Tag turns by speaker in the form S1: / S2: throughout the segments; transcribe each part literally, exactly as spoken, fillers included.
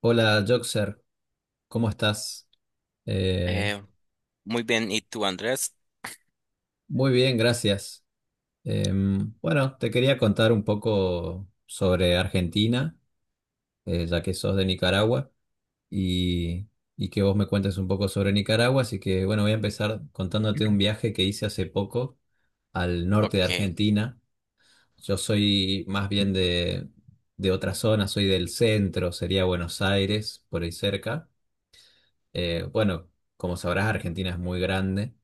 S1: Hola, Joxer, ¿cómo estás? Eh,
S2: Eh, Muy bien, ¿y tú, Andrés?
S1: Muy bien, gracias. Em, bueno, te quería contar un poco sobre Argentina, eh, ya que sos de Nicaragua, y, y que vos me cuentes un poco sobre Nicaragua. Así que, bueno, voy a empezar contándote un viaje que hice hace poco al norte de
S2: Ok.
S1: Argentina. Yo soy más bien de, de otra zona, soy del centro, sería Buenos Aires, por ahí cerca. Eh, bueno, como sabrás, Argentina es muy grande.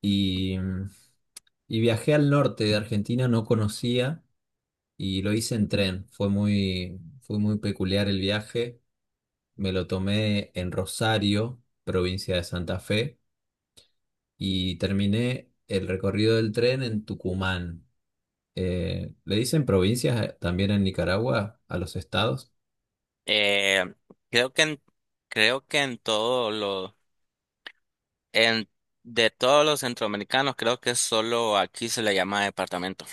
S1: Y, y viajé al norte de Argentina, no conocía y lo hice en tren. Fue muy, fue muy peculiar el viaje. Me lo tomé en Rosario, provincia de Santa Fe, y terminé el recorrido del tren en Tucumán. Eh, ¿le dicen provincias eh, también en Nicaragua a los estados?
S2: Eh, creo que en, creo que en todo lo, en, de todos los centroamericanos, creo que solo aquí se le llama departamento.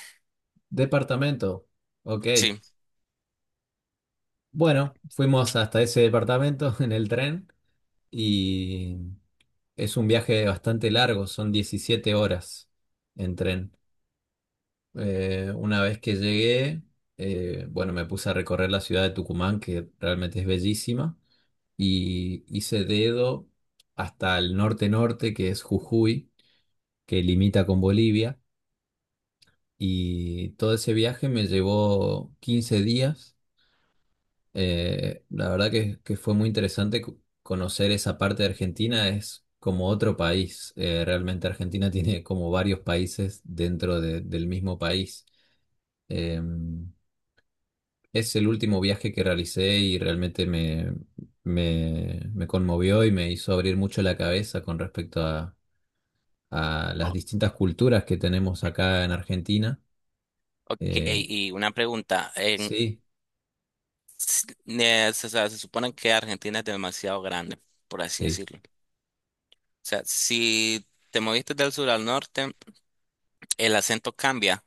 S1: Departamento. Ok.
S2: Sí.
S1: Bueno, fuimos hasta ese departamento en el tren y... Es un viaje bastante largo, son diecisiete horas en tren. Eh, una vez que llegué, eh, bueno, me puse a recorrer la ciudad de Tucumán, que realmente es bellísima, y hice dedo hasta el norte-norte, que es Jujuy, que limita con Bolivia, y todo ese viaje me llevó quince días Eh, La verdad que, que fue muy interesante co- conocer esa parte de Argentina, es como otro país. Eh, realmente Argentina tiene como varios países dentro de- del mismo país. Eh, es el último viaje que realicé y realmente me, me, me conmovió y me hizo abrir mucho la cabeza con respecto a, a las
S2: O-
S1: distintas culturas que tenemos acá en Argentina.
S2: Ok,
S1: Eh,
S2: y una pregunta. En,
S1: sí,
S2: s- eh, se, o sea, se supone que Argentina es demasiado grande, por así
S1: sí.
S2: decirlo. O sea, si te moviste del sur al norte, el acento cambia.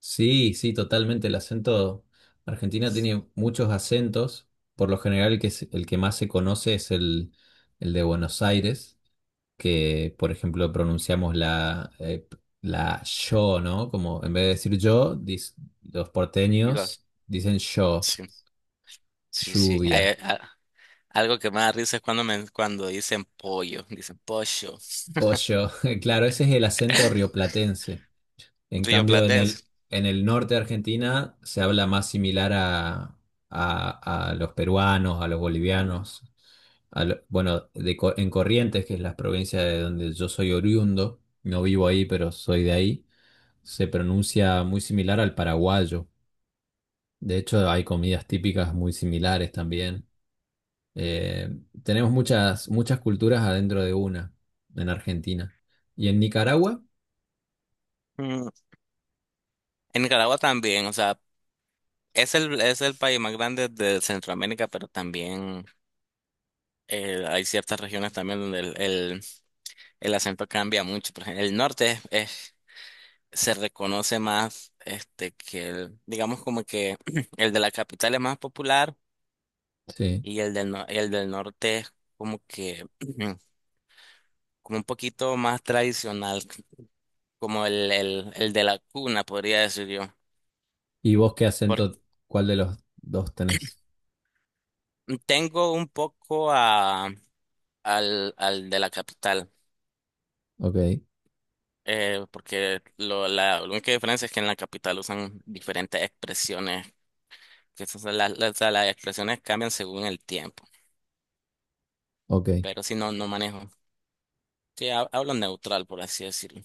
S1: Sí, sí, totalmente. El acento Argentina tiene muchos acentos. Por lo general, el que, se- el que más se conoce es el, el de Buenos Aires, que, por ejemplo, pronunciamos la, eh, la yo, ¿no? Como en vez de decir yo, dis- los
S2: Igual.
S1: porteños dicen yo,
S2: Sí, sí, sí.
S1: lluvia,
S2: Eh, ah, algo que me da risa es cuando, me, cuando dicen pollo, dicen pollo.
S1: pollo. Claro, ese es el acento rioplatense. En cambio, en el,
S2: Rioplatense.
S1: en el norte de Argentina se habla más similar a, a- a los peruanos, a los bolivianos, a lo- bueno, de Co- en Corrientes, que es la provincia de donde yo soy oriundo, no vivo ahí, pero soy de ahí, se pronuncia muy similar al paraguayo. De hecho, hay comidas típicas muy similares también. Eh, Tenemos muchas, muchas culturas adentro de una en Argentina. ¿Y en Nicaragua?
S2: Mm. En Nicaragua también, o sea, es el, es el país más grande de Centroamérica, pero también eh, hay ciertas regiones también donde el, el, el acento cambia mucho. Por ejemplo, el norte es, es- se reconoce más este, que el, digamos como que el de la capital es más popular,
S1: Sí.
S2: y el del, no- el del norte es como que como un poquito más tradicional. Como el, el, el de la cuna, podría decir yo.
S1: ¿Y vos qué
S2: Porque
S1: acento, cuál de los dos tenés?
S2: tengo un poco a, al, al de la capital,
S1: Ok,
S2: eh, porque lo, la única diferencia es que en la capital usan diferentes expresiones, que esas son las, las, las expresiones cambian según el tiempo,
S1: ok.
S2: pero si no, no manejo. Sí, ha- hablo neutral, por así decirlo.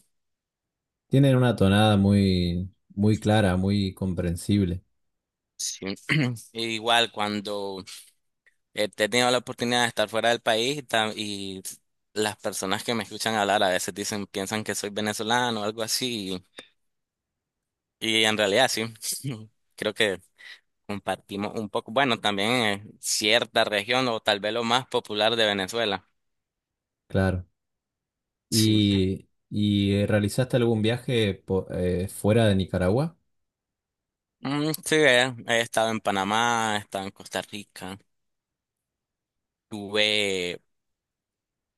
S1: Tienen una tonada muy, muy clara, muy comprensible,
S2: Sí. Igual cuando he tenido la oportunidad de estar fuera del país y, tam- y las personas que me escuchan hablar a veces dicen, piensan que soy venezolano o algo así. Y en realidad sí, creo que compartimos un poco, bueno, también eh, cierta región o tal vez lo más popular de Venezuela.
S1: claro.
S2: Sí,
S1: ¿Y, y eh, realizaste algún viaje po- eh, fuera de Nicaragua?
S2: mm, sí. Eh, he estado en Panamá, he estado en Costa Rica, tuve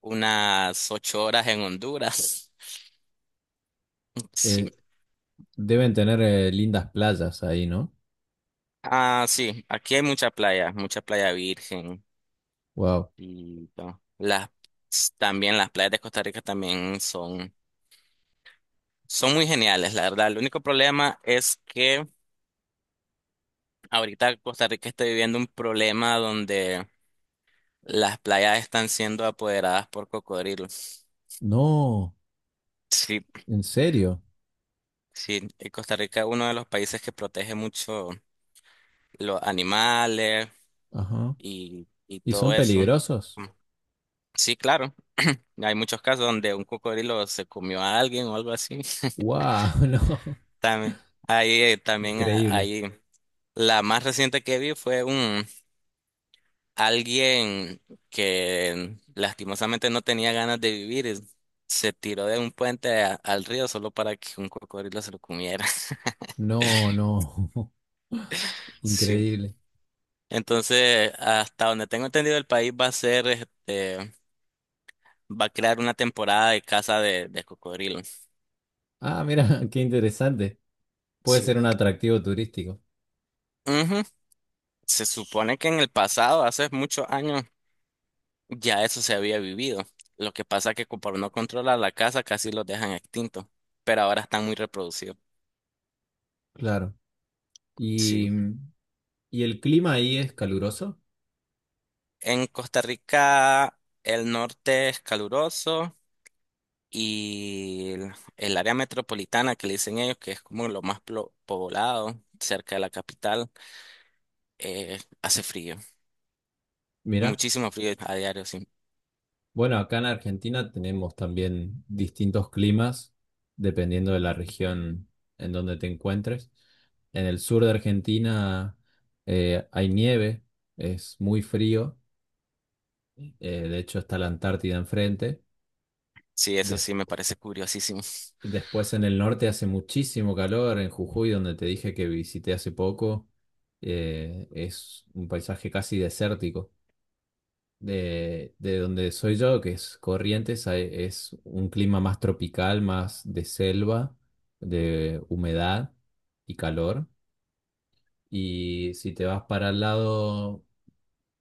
S2: unas ocho horas en Honduras. Sí,
S1: Eh, Deben tener eh, lindas playas ahí, ¿no?
S2: ah, sí, aquí hay mucha playa, mucha playa virgen,
S1: Wow.
S2: y no, las también las playas de Costa Rica también son son muy geniales, la verdad. El único problema es que ahorita Costa Rica está viviendo un problema donde las playas están siendo apoderadas por cocodrilos.
S1: No,
S2: Sí,
S1: ¿en serio?
S2: sí, y Costa Rica es uno de los países que protege mucho los animales
S1: Ajá.
S2: y, y
S1: ¿Y
S2: todo
S1: son
S2: eso.
S1: peligrosos?
S2: Sí, claro, hay muchos casos donde un cocodrilo se comió a alguien o algo así.
S1: Wow, no.
S2: También, ahí, eh, también, ah,
S1: Increíble.
S2: ahí, la más reciente que vi fue un, alguien que lastimosamente no tenía ganas de vivir es- se tiró de un puente a- al río solo para que un cocodrilo se lo comiera.
S1: No, no.
S2: Sí.
S1: Increíble.
S2: Entonces, hasta donde tengo entendido, el país va a ser, este, va a crear una temporada de caza de, de cocodrilos.
S1: Ah, mira, qué interesante. Puede
S2: Sí.
S1: ser un atractivo turístico,
S2: Ujú. Se supone que en el pasado, hace muchos años, ya eso se había vivido. Lo que pasa es que como no controla la caza, casi los dejan extintos. Pero ahora están muy reproducidos.
S1: claro.
S2: Sí.
S1: Y, y el clima ahí es caluroso.
S2: En Costa Rica el norte es caluroso y el, el área metropolitana que le dicen ellos, que es como lo más plo- poblado cerca de la capital, eh, hace frío,
S1: Mira,
S2: muchísimo frío a diario, sí.
S1: bueno, acá en Argentina tenemos también distintos climas dependiendo de la región en donde te encuentres. En el sur de Argentina eh, hay nieve, es muy frío, eh, de hecho está la Antártida enfrente.
S2: Sí, eso sí me parece curiosísimo.
S1: Después en el norte hace muchísimo calor, en Jujuy, donde te dije que visité hace poco, eh, es un paisaje casi desértico. De, de donde soy yo, que es Corrientes, hay- es un clima más tropical, más de selva, de humedad y calor. Y si te vas para el lado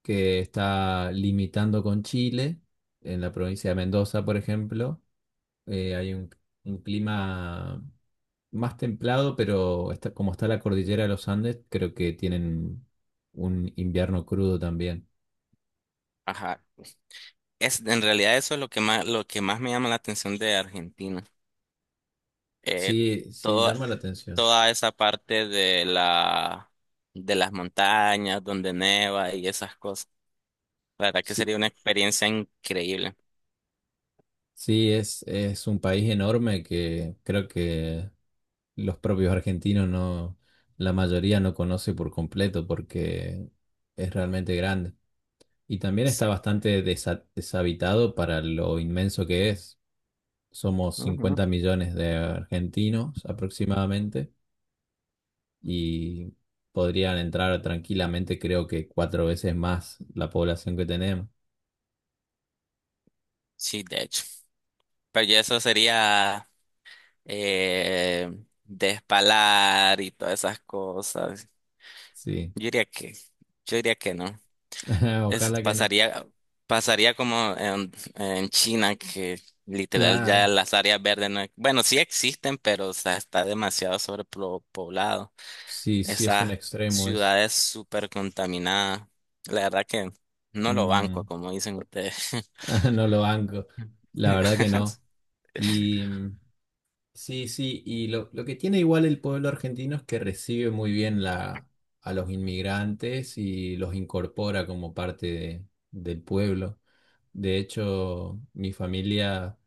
S1: que está limitando con Chile, en la provincia de Mendoza, por ejemplo, eh, hay un, un clima más templado, pero está, como está la cordillera de los Andes, creo que tienen un invierno crudo también.
S2: Ajá. Es, en realidad eso es lo que más, lo que más me llama la atención de Argentina. Eh,
S1: Sí, sí,
S2: toda,
S1: llama la atención.
S2: toda esa parte de la, de las montañas donde neva y esas cosas. La verdad que
S1: Sí,
S2: sería una experiencia increíble.
S1: sí, es, es un país enorme que creo que los propios argentinos no, la mayoría no conoce por completo porque es realmente grande. Y también está
S2: Exacto.
S1: bastante desa- deshabitado para lo inmenso que es. Somos
S2: Ujú.
S1: cincuenta millones de argentinos aproximadamente y podrían entrar tranquilamente, creo que cuatro veces más la población que tenemos.
S2: Sí, de hecho. Pero ya eso sería eh, despalar y todas esas cosas.
S1: Sí,
S2: Yo diría que, yo diría que no. Es,
S1: ojalá que no.
S2: pasaría, pasaría como en, en China, que literal ya
S1: Claro,
S2: las áreas verdes no, e- bueno, sí existen, pero o sea, está demasiado sobrepoblado.
S1: sí, sí es un
S2: Esas
S1: extremo, es...
S2: ciudades súper contaminadas. La verdad que no lo banco,
S1: mm,
S2: como dicen ustedes.
S1: no lo banco, la verdad que no. Y mm, Sí, sí, y lo, lo que tiene igual el pueblo argentino es que recibe muy bien la, a los inmigrantes y los incorpora como parte de- del pueblo. De hecho, mi familia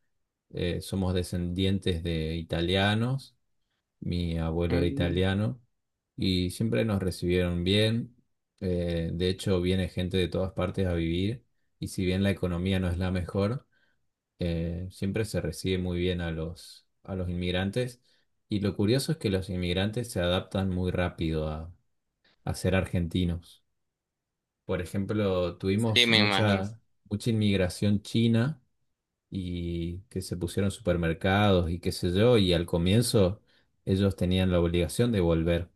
S1: eh, somos descendientes de italianos, mi abuelo era
S2: Mm,
S1: italiano y siempre nos recibieron bien. Eh, de hecho, viene gente de todas partes a vivir y si bien la economía no es la mejor, eh, siempre se recibe muy bien a los, a los inmigrantes y lo curioso es que los inmigrantes se adaptan muy rápido a, a ser argentinos. Por ejemplo,
S2: sí,
S1: tuvimos
S2: me imagino.
S1: mucha, mucha inmigración china y que se pusieron supermercados y qué sé yo, y al comienzo ellos tenían la obligación de volver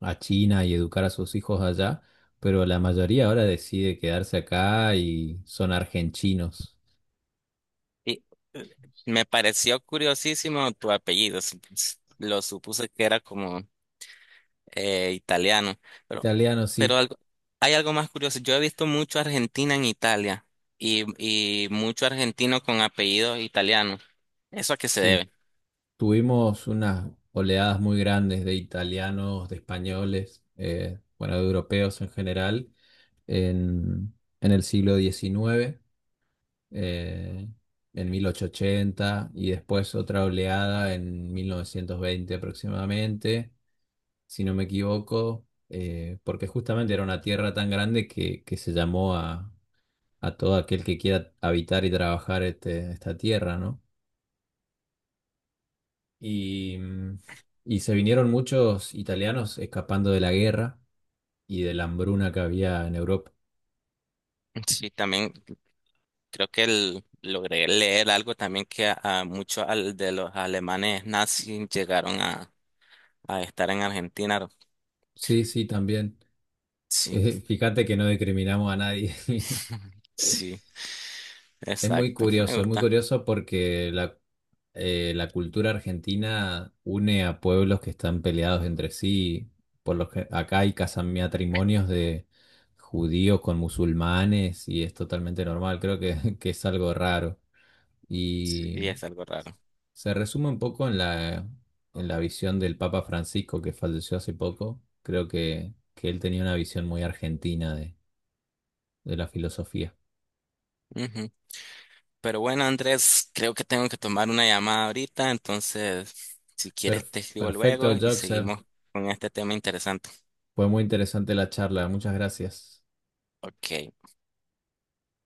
S1: a China y educar a sus hijos allá, pero la mayoría ahora decide quedarse acá y son argentinos.
S2: Y me pareció curiosísimo tu apellido. supus- Lo supuse que era como eh, italiano, pero,
S1: Italianos,
S2: pero
S1: sí,
S2: algo, hay algo más curioso. Yo he visto mucho Argentina en Italia y, y mucho argentino con apellido italiano. ¿Eso a qué se
S1: sí.
S2: debe?
S1: Tuvimos unas oleadas muy grandes de italianos, de españoles, eh, bueno, de europeos en general, en, en el siglo diecinueve, eh, en mil ochocientos ochenta, y después otra oleada en mil novecientos veinte aproximadamente, si no me equivoco, eh, porque justamente era una tierra tan grande que, que se llamó a, a todo aquel que quiera habitar y trabajar este- esta tierra, ¿no? Y, mm, y se vinieron muchos italianos escapando de la guerra y de la hambruna que había en Europa.
S2: Sí, también creo que el- logré leer algo también que a, a muchos al- de los alemanes nazis llegaron a, a estar en Argentina.
S1: Sí, sí, también.
S2: Sí.
S1: Eh, fíjate que no discriminamos a nadie.
S2: Sí,
S1: Es muy
S2: exacto. Me
S1: curioso, es muy
S2: gusta.
S1: curioso porque la, eh, la cultura argentina une a pueblos que están peleados entre sí. Por lo que acá hay casam- matrimonios de judíos con musulmanes y es totalmente normal. Creo que, que es algo raro.
S2: Y es algo raro.
S1: Se resume un poco en la, en la visión del Papa Francisco que falleció hace poco. Creo que, que él tenía una visión muy argentina de, de la filosofía.
S2: Ujú. Pero bueno, Andrés, creo que tengo que tomar una llamada ahorita, entonces, si
S1: Per-
S2: quieres te escribo
S1: Perfecto,
S2: luego y
S1: Joxer.
S2: seguimos con este tema interesante.
S1: Fue muy interesante la charla. Muchas gracias.
S2: Ok.